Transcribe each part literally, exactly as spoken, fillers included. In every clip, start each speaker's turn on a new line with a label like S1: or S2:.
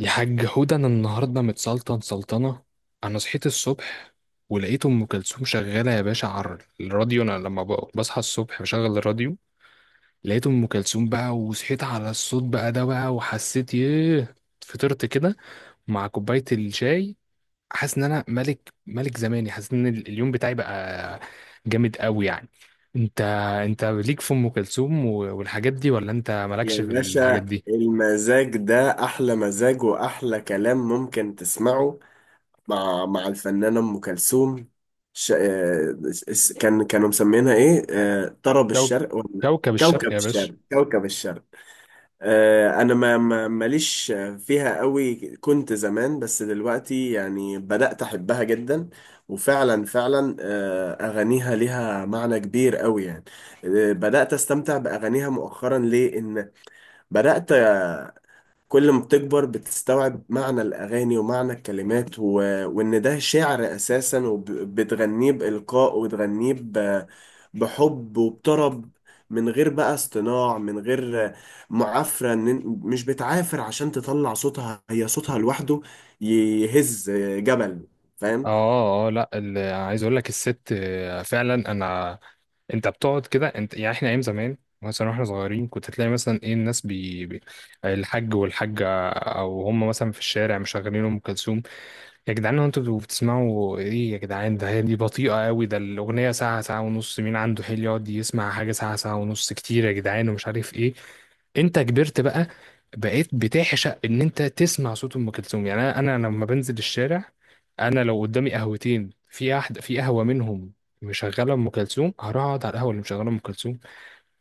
S1: يا حاج حودة أنا النهاردة متسلطن سلطنة. أنا صحيت الصبح ولقيت أم كلثوم شغالة يا باشا على الراديو. أنا لما ب- بصحى الصبح بشغل الراديو، لقيت أم كلثوم بقى وصحيت على الصوت بقى ده بقى وحسيت ياه. فطرت كده مع كوباية الشاي، حاسس إن أنا ملك ملك زماني، حاسس إن ال- اليوم بتاعي بقى جامد قوي يعني. أنت أنت ليك في أم كلثوم و- والحاجات دي ولا أنت مالكش
S2: يا
S1: في الحاجات
S2: باشا
S1: دي؟
S2: المزاج ده أحلى مزاج وأحلى كلام ممكن تسمعه مع مع الفنانة أم كلثوم. ش... آه، اس- كان كانوا مسمينها إيه؟ آه، طرب
S1: كوك-
S2: الشرق ولا
S1: كوكب الشرق
S2: كوكب
S1: يا باشا.
S2: الشرق، كوكب الشرق. آه، أنا ما ما- ماليش فيها قوي، كنت زمان بس دلوقتي يعني بدأت أحبها جدا. وفعلا فعلا، آه، أغانيها ليها معنى كبير قوي يعني. آه، بدأت أستمتع بأغانيها مؤخرا. ليه؟ إن بدأت، آه، كل ما بتكبر بتستوعب معنى الأغاني ومعنى الكلمات، و... وإن ده شعر أساسا، وبتغنيه بإلقاء، وتغنيه ب... بحب وبطرب، من غير بقى اصطناع، من غير آه، معافرة. إن- مش بتعافر عشان تطلع صوتها، هي صوتها لوحده يهز جبل، فاهم؟
S1: اه اه لا ال- عايز اقول لك الست آه، فعلا انا. انت بتقعد كده انت يعني، احنا ايام زمان مثلا واحنا صغيرين كنت تلاقي مثلا ايه الناس بي... بي... الحاج والحاجه او هم مثلا في الشارع مشغلين ام كلثوم. يا جدعان هو انتوا بتسمعوا ايه يا جدعان؟ ده هي دي بطيئة قوي، ده الأغنية ساعة، ساعة ونص. مين عنده حيل يقعد يسمع حاجة ساعة، ساعة ونص كتير يا جدعان ومش عارف ايه. انت كبرت بقى، بقيت بتعشق ان انت تسمع صوت ام كلثوم. يعني انا انا لما بنزل الشارع، انا لو قدامي قهوتين في احد في قهوة منهم مشغلة ام كلثوم، هروح اقعد على القهوة اللي مشغلة ام كلثوم.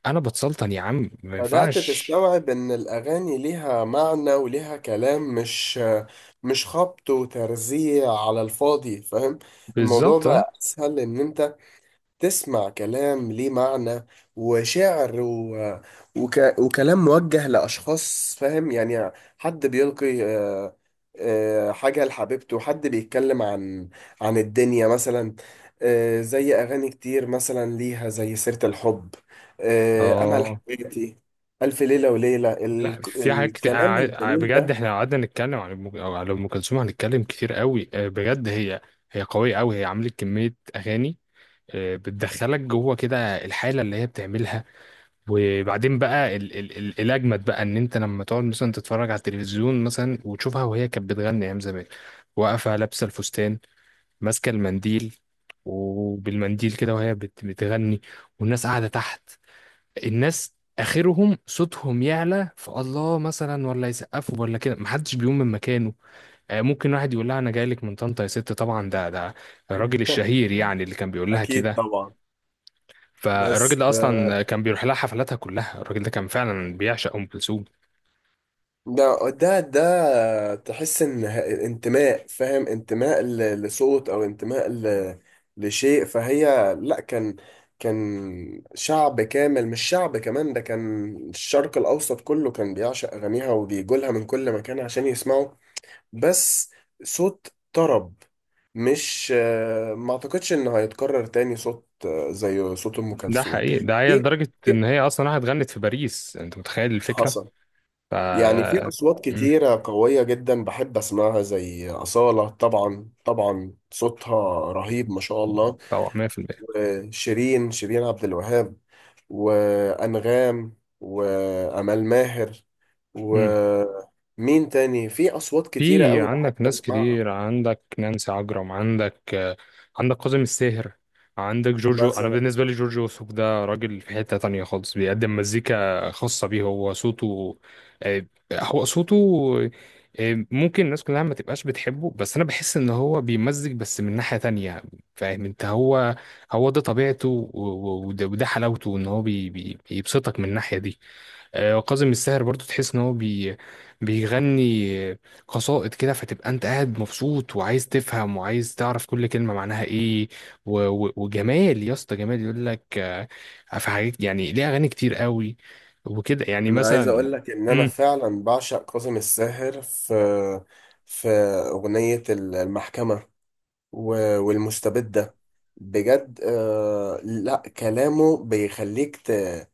S1: انا بتسلطن يا عم، ما
S2: بدأت
S1: ينفعش.
S2: تستوعب إن الأغاني ليها معنى وليها كلام، مش مش خبط وترزيع على الفاضي، فاهم؟ الموضوع
S1: بالظبط.
S2: بقى أسهل إن أنت تسمع كلام ليه معنى، وشعر، و... وك... وكلام موجه لأشخاص، فاهم يعني؟ حد بيلقي آه، آه، حاجة لحبيبته، حد بيتكلم عن عن الدنيا مثلا. آه، زي أغاني كتير مثلا ليها، زي سيرة الحب، آه، أمل
S1: اه
S2: حياتي، ألف ليلة وليلة، ال...
S1: لا في حاجات كتير. أنا
S2: الكلام
S1: عاي-
S2: الجميل
S1: بجد
S2: ده.
S1: احنا لو قعدنا نتكلم عن أم- أو على ام كلثوم هنتكلم كتير قوي، آه، بجد هي هي قويه قوي، هي عملت كميه اغاني آه، بتدخلك جوه كده الحاله اللي هي بتعملها. وبعدين بقى ال ال ال الاجمد بقى ان انت لما تقعد مثلا تتفرج على التلفزيون مثلا وتشوفها، وهي كانت بتغني ايام زمان واقفه لابسه الفستان ماسكه المنديل، وبالمنديل كده وهي بت- بتغني، والناس قاعده تحت. الناس اخرهم صوتهم يعلى فالله مثلا ولا يسقفوا ولا كده، محدش بيقوم من مكانه. آه، ممكن واحد يقول لها انا جاي لك من طنطا يا ست، طبعا ده ده الراجل الشهير يعني اللي كان بيقول لها
S2: أكيد
S1: كده.
S2: طبعا.
S1: فالراجل
S2: بس
S1: ده اصلا كان بيروح لها حفلاتها كلها، الراجل ده كان فعلا بيعشق ام كلثوم.
S2: ده ده ده تحس ان ه- انتماء، فاهم؟ انتماء ل- لصوت، او انتماء ل- لشيء، فهي لا، كان كان شعب كامل، مش شعب كمان. ده كان الشرق الاوسط كله كان بيعشق اغانيها، وبيجولها من كل مكان عشان يسمعوا. بس صوت طرب، مش، آه، ما اعتقدش انه هيتكرر تاني صوت آه، زي صوت ام
S1: ده
S2: كلثوم.
S1: حقيقي، ده هي
S2: دي
S1: لدرجه
S2: دي-
S1: ان هي اصلا راحت غنت في باريس، انت متخيل الفكره؟
S2: حصل.
S1: ف
S2: يعني في
S1: آه،
S2: أصوات
S1: مم،
S2: كتيرة قوية جدا بحب أسمعها، زي أصالة، طبعا طبعا صوتها رهيب ما شاء الله.
S1: طبعا ميه بالميه.
S2: وشيرين، شيرين عبد الوهاب، وأنغام، وأمال ماهر. ومين تاني؟ في أصوات كتيرة
S1: في
S2: قوي بحب
S1: عندك ناس
S2: أسمعها
S1: كتير، عندك نانسي عجرم، عندك آه، عندك كاظم الساهر، عندك جورجو. انا
S2: مثلا.
S1: بالنسبه لي جورجو وسوف ده راجل في حته تانية خالص، بيقدم مزيكا خاصه بيه هو صوته، آه، هو صوته، آه، ممكن الناس كلها ما تبقاش بتحبه بس انا بحس ان هو بيمزج بس من ناحيه تانية. فاهم انت؟ هو هو ده طبيعته و- و- وده وده حلاوته، ان هو بي- بي- بيبسطك من الناحيه دي. آه، وكاظم الساهر برضو تحس ان هو بي بيغني قصائد كده، فتبقى انت قاعد مبسوط وعايز تفهم وعايز تعرف كل كلمة معناها ايه. و... و... وجمال، يا اسطى جمال يقول لك آه، في حاجات، يعني ليه اغاني كتير قوي وكده يعني
S2: أنا عايز
S1: مثلا.
S2: أقول لك إن أنا
S1: امم.
S2: فعلا بعشق كاظم الساهر في في أغنية المحكمة و- والمستبدة، بجد. آه لا، كلامه بيخليك ت-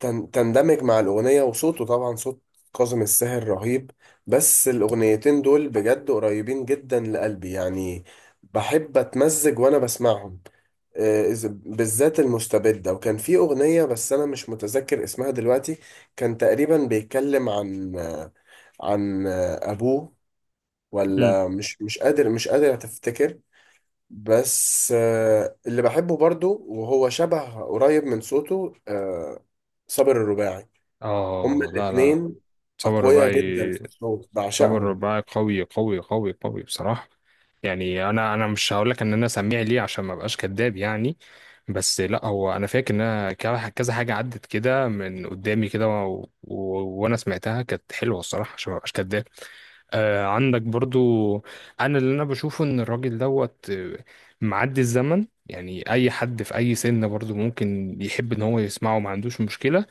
S2: تن- تندمج مع الأغنية، وصوته طبعا، صوت كاظم الساهر رهيب. بس الأغنيتين دول بجد قريبين جدا لقلبي يعني، بحب أتمزج وأنا بسمعهم. آه إذا- بالذات المستبدة. وكان في أغنية بس أنا مش متذكر اسمها دلوقتي، كان تقريبا بيتكلم عن آه، عن آه، أبوه،
S1: مم.
S2: ولا مش مش قادر مش قادر أتفتكر. بس آه، اللي بحبه برضو وهو شبه قريب من صوته، آه، صابر الرباعي. هما
S1: اه لا لا،
S2: الاتنين
S1: سمر
S2: أقوياء
S1: رباعي،
S2: جدا في الصوت،
S1: سوبر
S2: بعشقهم.
S1: رباعي قوي قوي قوي قوي بصراحة. يعني انا انا مش هقول لك ان انا سميع ليه عشان ما ابقاش كذاب يعني، بس لا هو انا فاكر ان انا كا- كذا حاجة عدت كده من قدامي كده و... و... وانا سمعتها كانت حلوة الصراحة عشان ما ابقاش كذاب. آه عندك برضو، انا اللي انا بشوفه ان الراجل دوت آه، معدي الزمن، يعني اي حد في اي سن برضو ممكن يحب ان هو يسمعه ما عندوش مشكلة.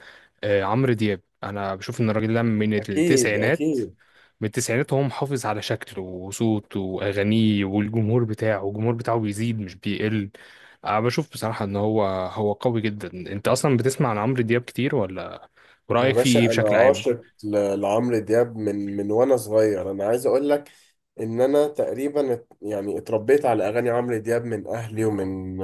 S1: آه، عمرو دياب انا بشوف ان الراجل ده من
S2: أكيد
S1: التسعينات،
S2: أكيد.
S1: من التسعينات وهو محافظ على شكله وصوته واغانيه، والجمهور بتاعه، الجمهور بتاعه بيزيد مش بيقل. أنا بشوف بصراحة إن هو هو قوي جدا. أنت أصلا بتسمع عن عمرو دياب كتير ولا؟
S2: يا
S1: ورأيك فيه إيه
S2: باشا انا
S1: بشكل عام؟
S2: عاشق ل- لعمرو دياب من من وانا صغير. انا عايز اقول لك ان انا تقريبا، ات- يعني اتربيت على اغاني عمرو دياب من اهلي، ومن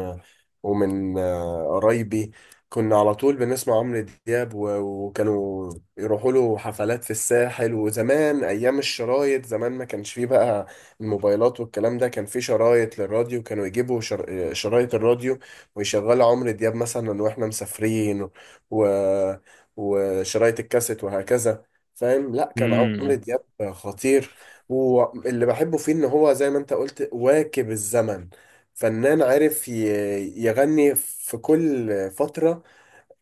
S2: ومن آه، قرايبي. كنا على طول بنسمع عمرو دياب، و- وكانوا يروحوا له حفلات في الساحل. وزمان ايام الشرايط، زمان ما كانش فيه بقى الموبايلات والكلام ده، كان فيه شرايط للراديو. كانوا يجيبوا شر- شرايط الراديو ويشغلوا عمرو دياب مثلا واحنا مسافرين، و... وشرايط الكاسيت وهكذا. فاهم؟ لا كان عمرو
S1: امم.
S2: دياب خطير. واللي بحبه فيه ان هو زي ما انت قلت واكب الزمن، فنان عارف ي- يغني في كل فترة،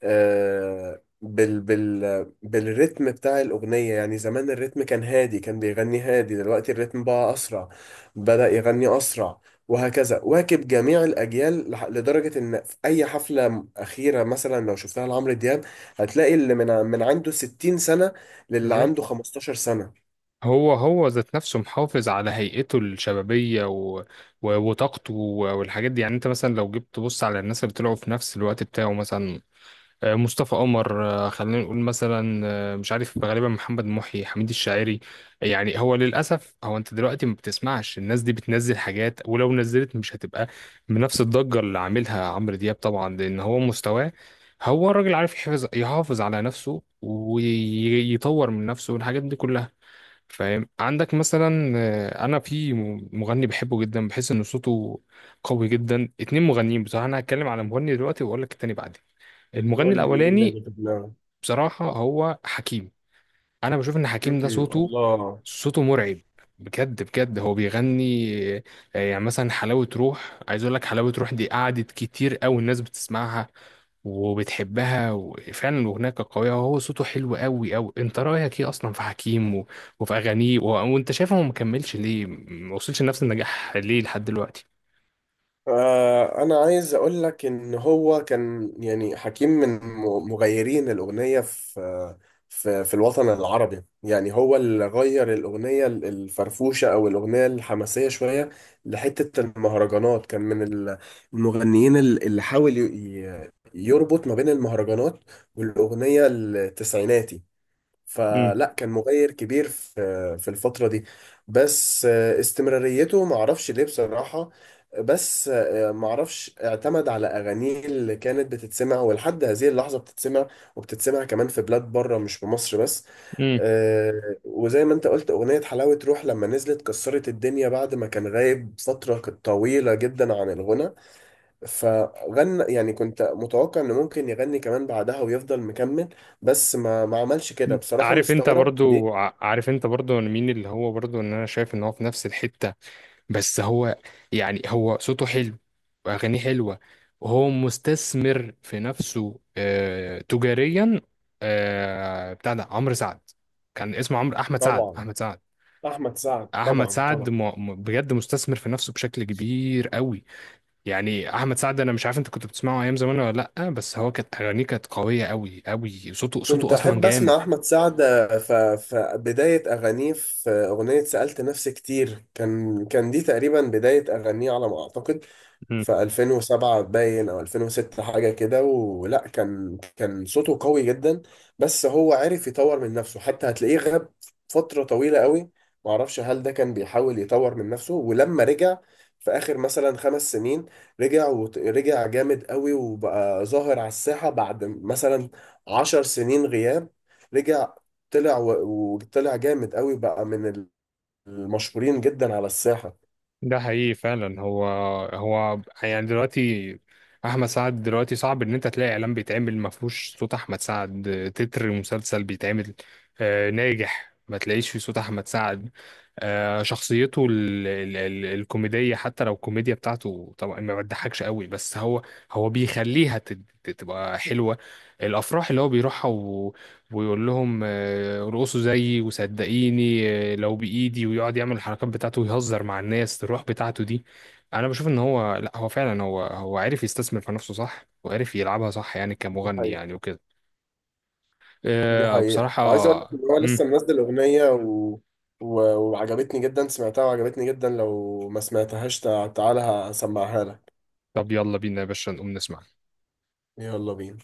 S2: آه، بال بال بالريتم بتاع الأغنية. يعني زمان الريتم كان هادي، كان بيغني هادي، دلوقتي الريتم بقى أسرع، بدأ يغني أسرع. وهكذا واكب جميع الأجيال، لح- لدرجة إن في أي حفلة م- أخيرة مثلا، لو شفتها لعمرو دياب، هتلاقي اللي من ع- من عنده 60 سنة للي
S1: بالظبط،
S2: عنده 15 سنة.
S1: هو هو ذات نفسه محافظ على هيئته الشبابية و... و... وطاقته و- والحاجات دي. يعني انت مثلا لو جيت تبص على الناس اللي طلعوا في نفس الوقت بتاعه مثلا، آه، مصطفى قمر، آه، خلينا نقول مثلا، آه، مش عارف غالبا محمد محي، حميد الشاعري. يعني هو للأسف هو، أنت دلوقتي ما بتسمعش الناس دي بتنزل حاجات، ولو نزلت مش هتبقى بنفس الضجة اللي عاملها عمرو دياب طبعا، لأن هو مستواه، هو الراجل عارف يحافظ، يحافظ على نفسه ويطور من نفسه والحاجات دي كلها. فاهم؟ عندك مثلا آه، انا في م- مغني بحبه جدا، بحس ان صوته قوي جدا. اتنين مغنيين بصراحه، انا هتكلم على مغني دلوقتي واقول لك التاني بعدين. المغني
S2: قول لي مين
S1: الاولاني
S2: اللي في دماغك؟
S1: بصراحه هو حكيم. انا بشوف ان
S2: م-
S1: حكيم ده
S2: م-
S1: صوته،
S2: الله.
S1: صوته مرعب بجد بجد. هو بيغني آه، يعني مثلا حلاوه روح، عايز اقول لك حلاوه روح دي قعدت كتير قوي الناس بتسمعها وبتحبها، وفعلا هناك قوية، وهو صوته حلو قوي قوي. انت رأيك ايه اصلا في حكيم و... وفي اغانيه و... وانت شايف هو مكملش ليه، ما وصلش لنفس النجاح ليه لحد دلوقتي؟
S2: آه، انا عايز اقول لك ان هو كان، يعني حكيم من م- مغيرين الاغنيه في في في الوطن العربي. يعني هو اللي غير الاغنيه ال- الفرفوشه، او الاغنيه الحماسيه شويه، لحته المهرجانات. كان من ال- المغنيين ال- اللي حاول ي- ي- يربط ما بين المهرجانات والاغنيه التسعيناتي.
S1: امم.
S2: فلا كان مغير كبير في في الفترة دي. بس آه، استمراريته معرفش ليه بصراحة. بس آه، معرفش، اعتمد على أغانيه اللي كانت بتتسمع، ولحد هذه اللحظة بتتسمع، وبتتسمع كمان في بلاد بره، مش في مصر بس.
S1: امم.
S2: آه، وزي ما انت قلت، أغنية حلاوة روح لما نزلت كسرت الدنيا بعد ما كان غايب فترة طويلة جدا عن الغنى. فغنى يعني، كنت متوقع انه ممكن يغني كمان بعدها ويفضل مكمل، بس ما ما عملش كده. بصراحة
S1: عارف انت
S2: مستغرب
S1: برضو،
S2: ليه.
S1: ع- عارف انت برضو مين اللي هو برضو ان انا شايف ان هو في نفس الحتة؟ بس هو يعني هو صوته حلو واغانيه حلوة، وهو مستثمر في نفسه آه تجاريا. آه بتاع ده عمرو سعد، كان اسمه عمرو، احمد سعد،
S2: طبعا،
S1: احمد سعد.
S2: احمد سعد
S1: احمد
S2: طبعا
S1: سعد
S2: طبعا.
S1: م... م- بجد مستثمر في نفسه بشكل كبير قوي. يعني احمد سعد انا مش عارف انت كنت بتسمعه ايام زمان ولا لا، بس هو كانت اغانيه كانت قويه قوي قوي، صوته
S2: كنت
S1: صوته اصلا
S2: أحب
S1: جامد.
S2: أسمع أحمد سعد في بداية أغانيه، في أغنية سألت نفسي كتير، كان كان دي تقريبا بداية أغانيه على ما أعتقد، في ألفين وسبعة باين أو ألفين وستة حاجة كده. ولا كان كان صوته قوي جدا. بس هو عرف يطور من نفسه، حتى هتلاقيه غاب فترة طويلة قوي. معرفش هل ده كان بيحاول يطور من نفسه، ولما رجع في آخر مثلا خمس سنين، رجع ورجع جامد قوي، وبقى ظاهر على الساحة بعد مثلا عشر سنين غياب. رجع طلع، و- وطلع جامد قوي، بقى من المشهورين جدا على الساحة.
S1: ده حقيقي فعلا. هو هو يعني دلوقتي احمد سعد دلوقتي صعب ان انت تلاقي اعلان بيتعمل ما فيهوش صوت احمد سعد، تتر مسلسل بيتعمل آه، ناجح ما تلاقيش فيه صوت احمد سعد. آه، شخصيته ال ال ال الكوميدية، حتى لو الكوميديا بتاعته طبعا ما بتضحكش قوي، بس هو هو بيخليها تت- تبقى حلوة. الافراح اللي هو بيروحها ويقول لهم آه، ارقصوا زيي وصدقيني آه، لو بايدي، ويقعد يعمل الحركات بتاعته ويهزر مع الناس، الروح بتاعته دي. انا بشوف ان هو لا هو فعلا هو، هو عارف يستثمر في نفسه صح، وعارف يلعبها صح يعني
S2: دي
S1: كمغني
S2: حقيقة،
S1: يعني وكده.
S2: دي
S1: آه،
S2: حقيقة. عايز اقول لك
S1: بصراحة.
S2: ان هو لسه
S1: مم.
S2: منزل اغنية و... و... وعجبتني جدا، سمعتها وعجبتني جدا. لو ما سمعتهاش، تع- تعالى هسمعها لك.
S1: طب يلا بينا يا باشا نقوم نسمع.
S2: يلا بينا.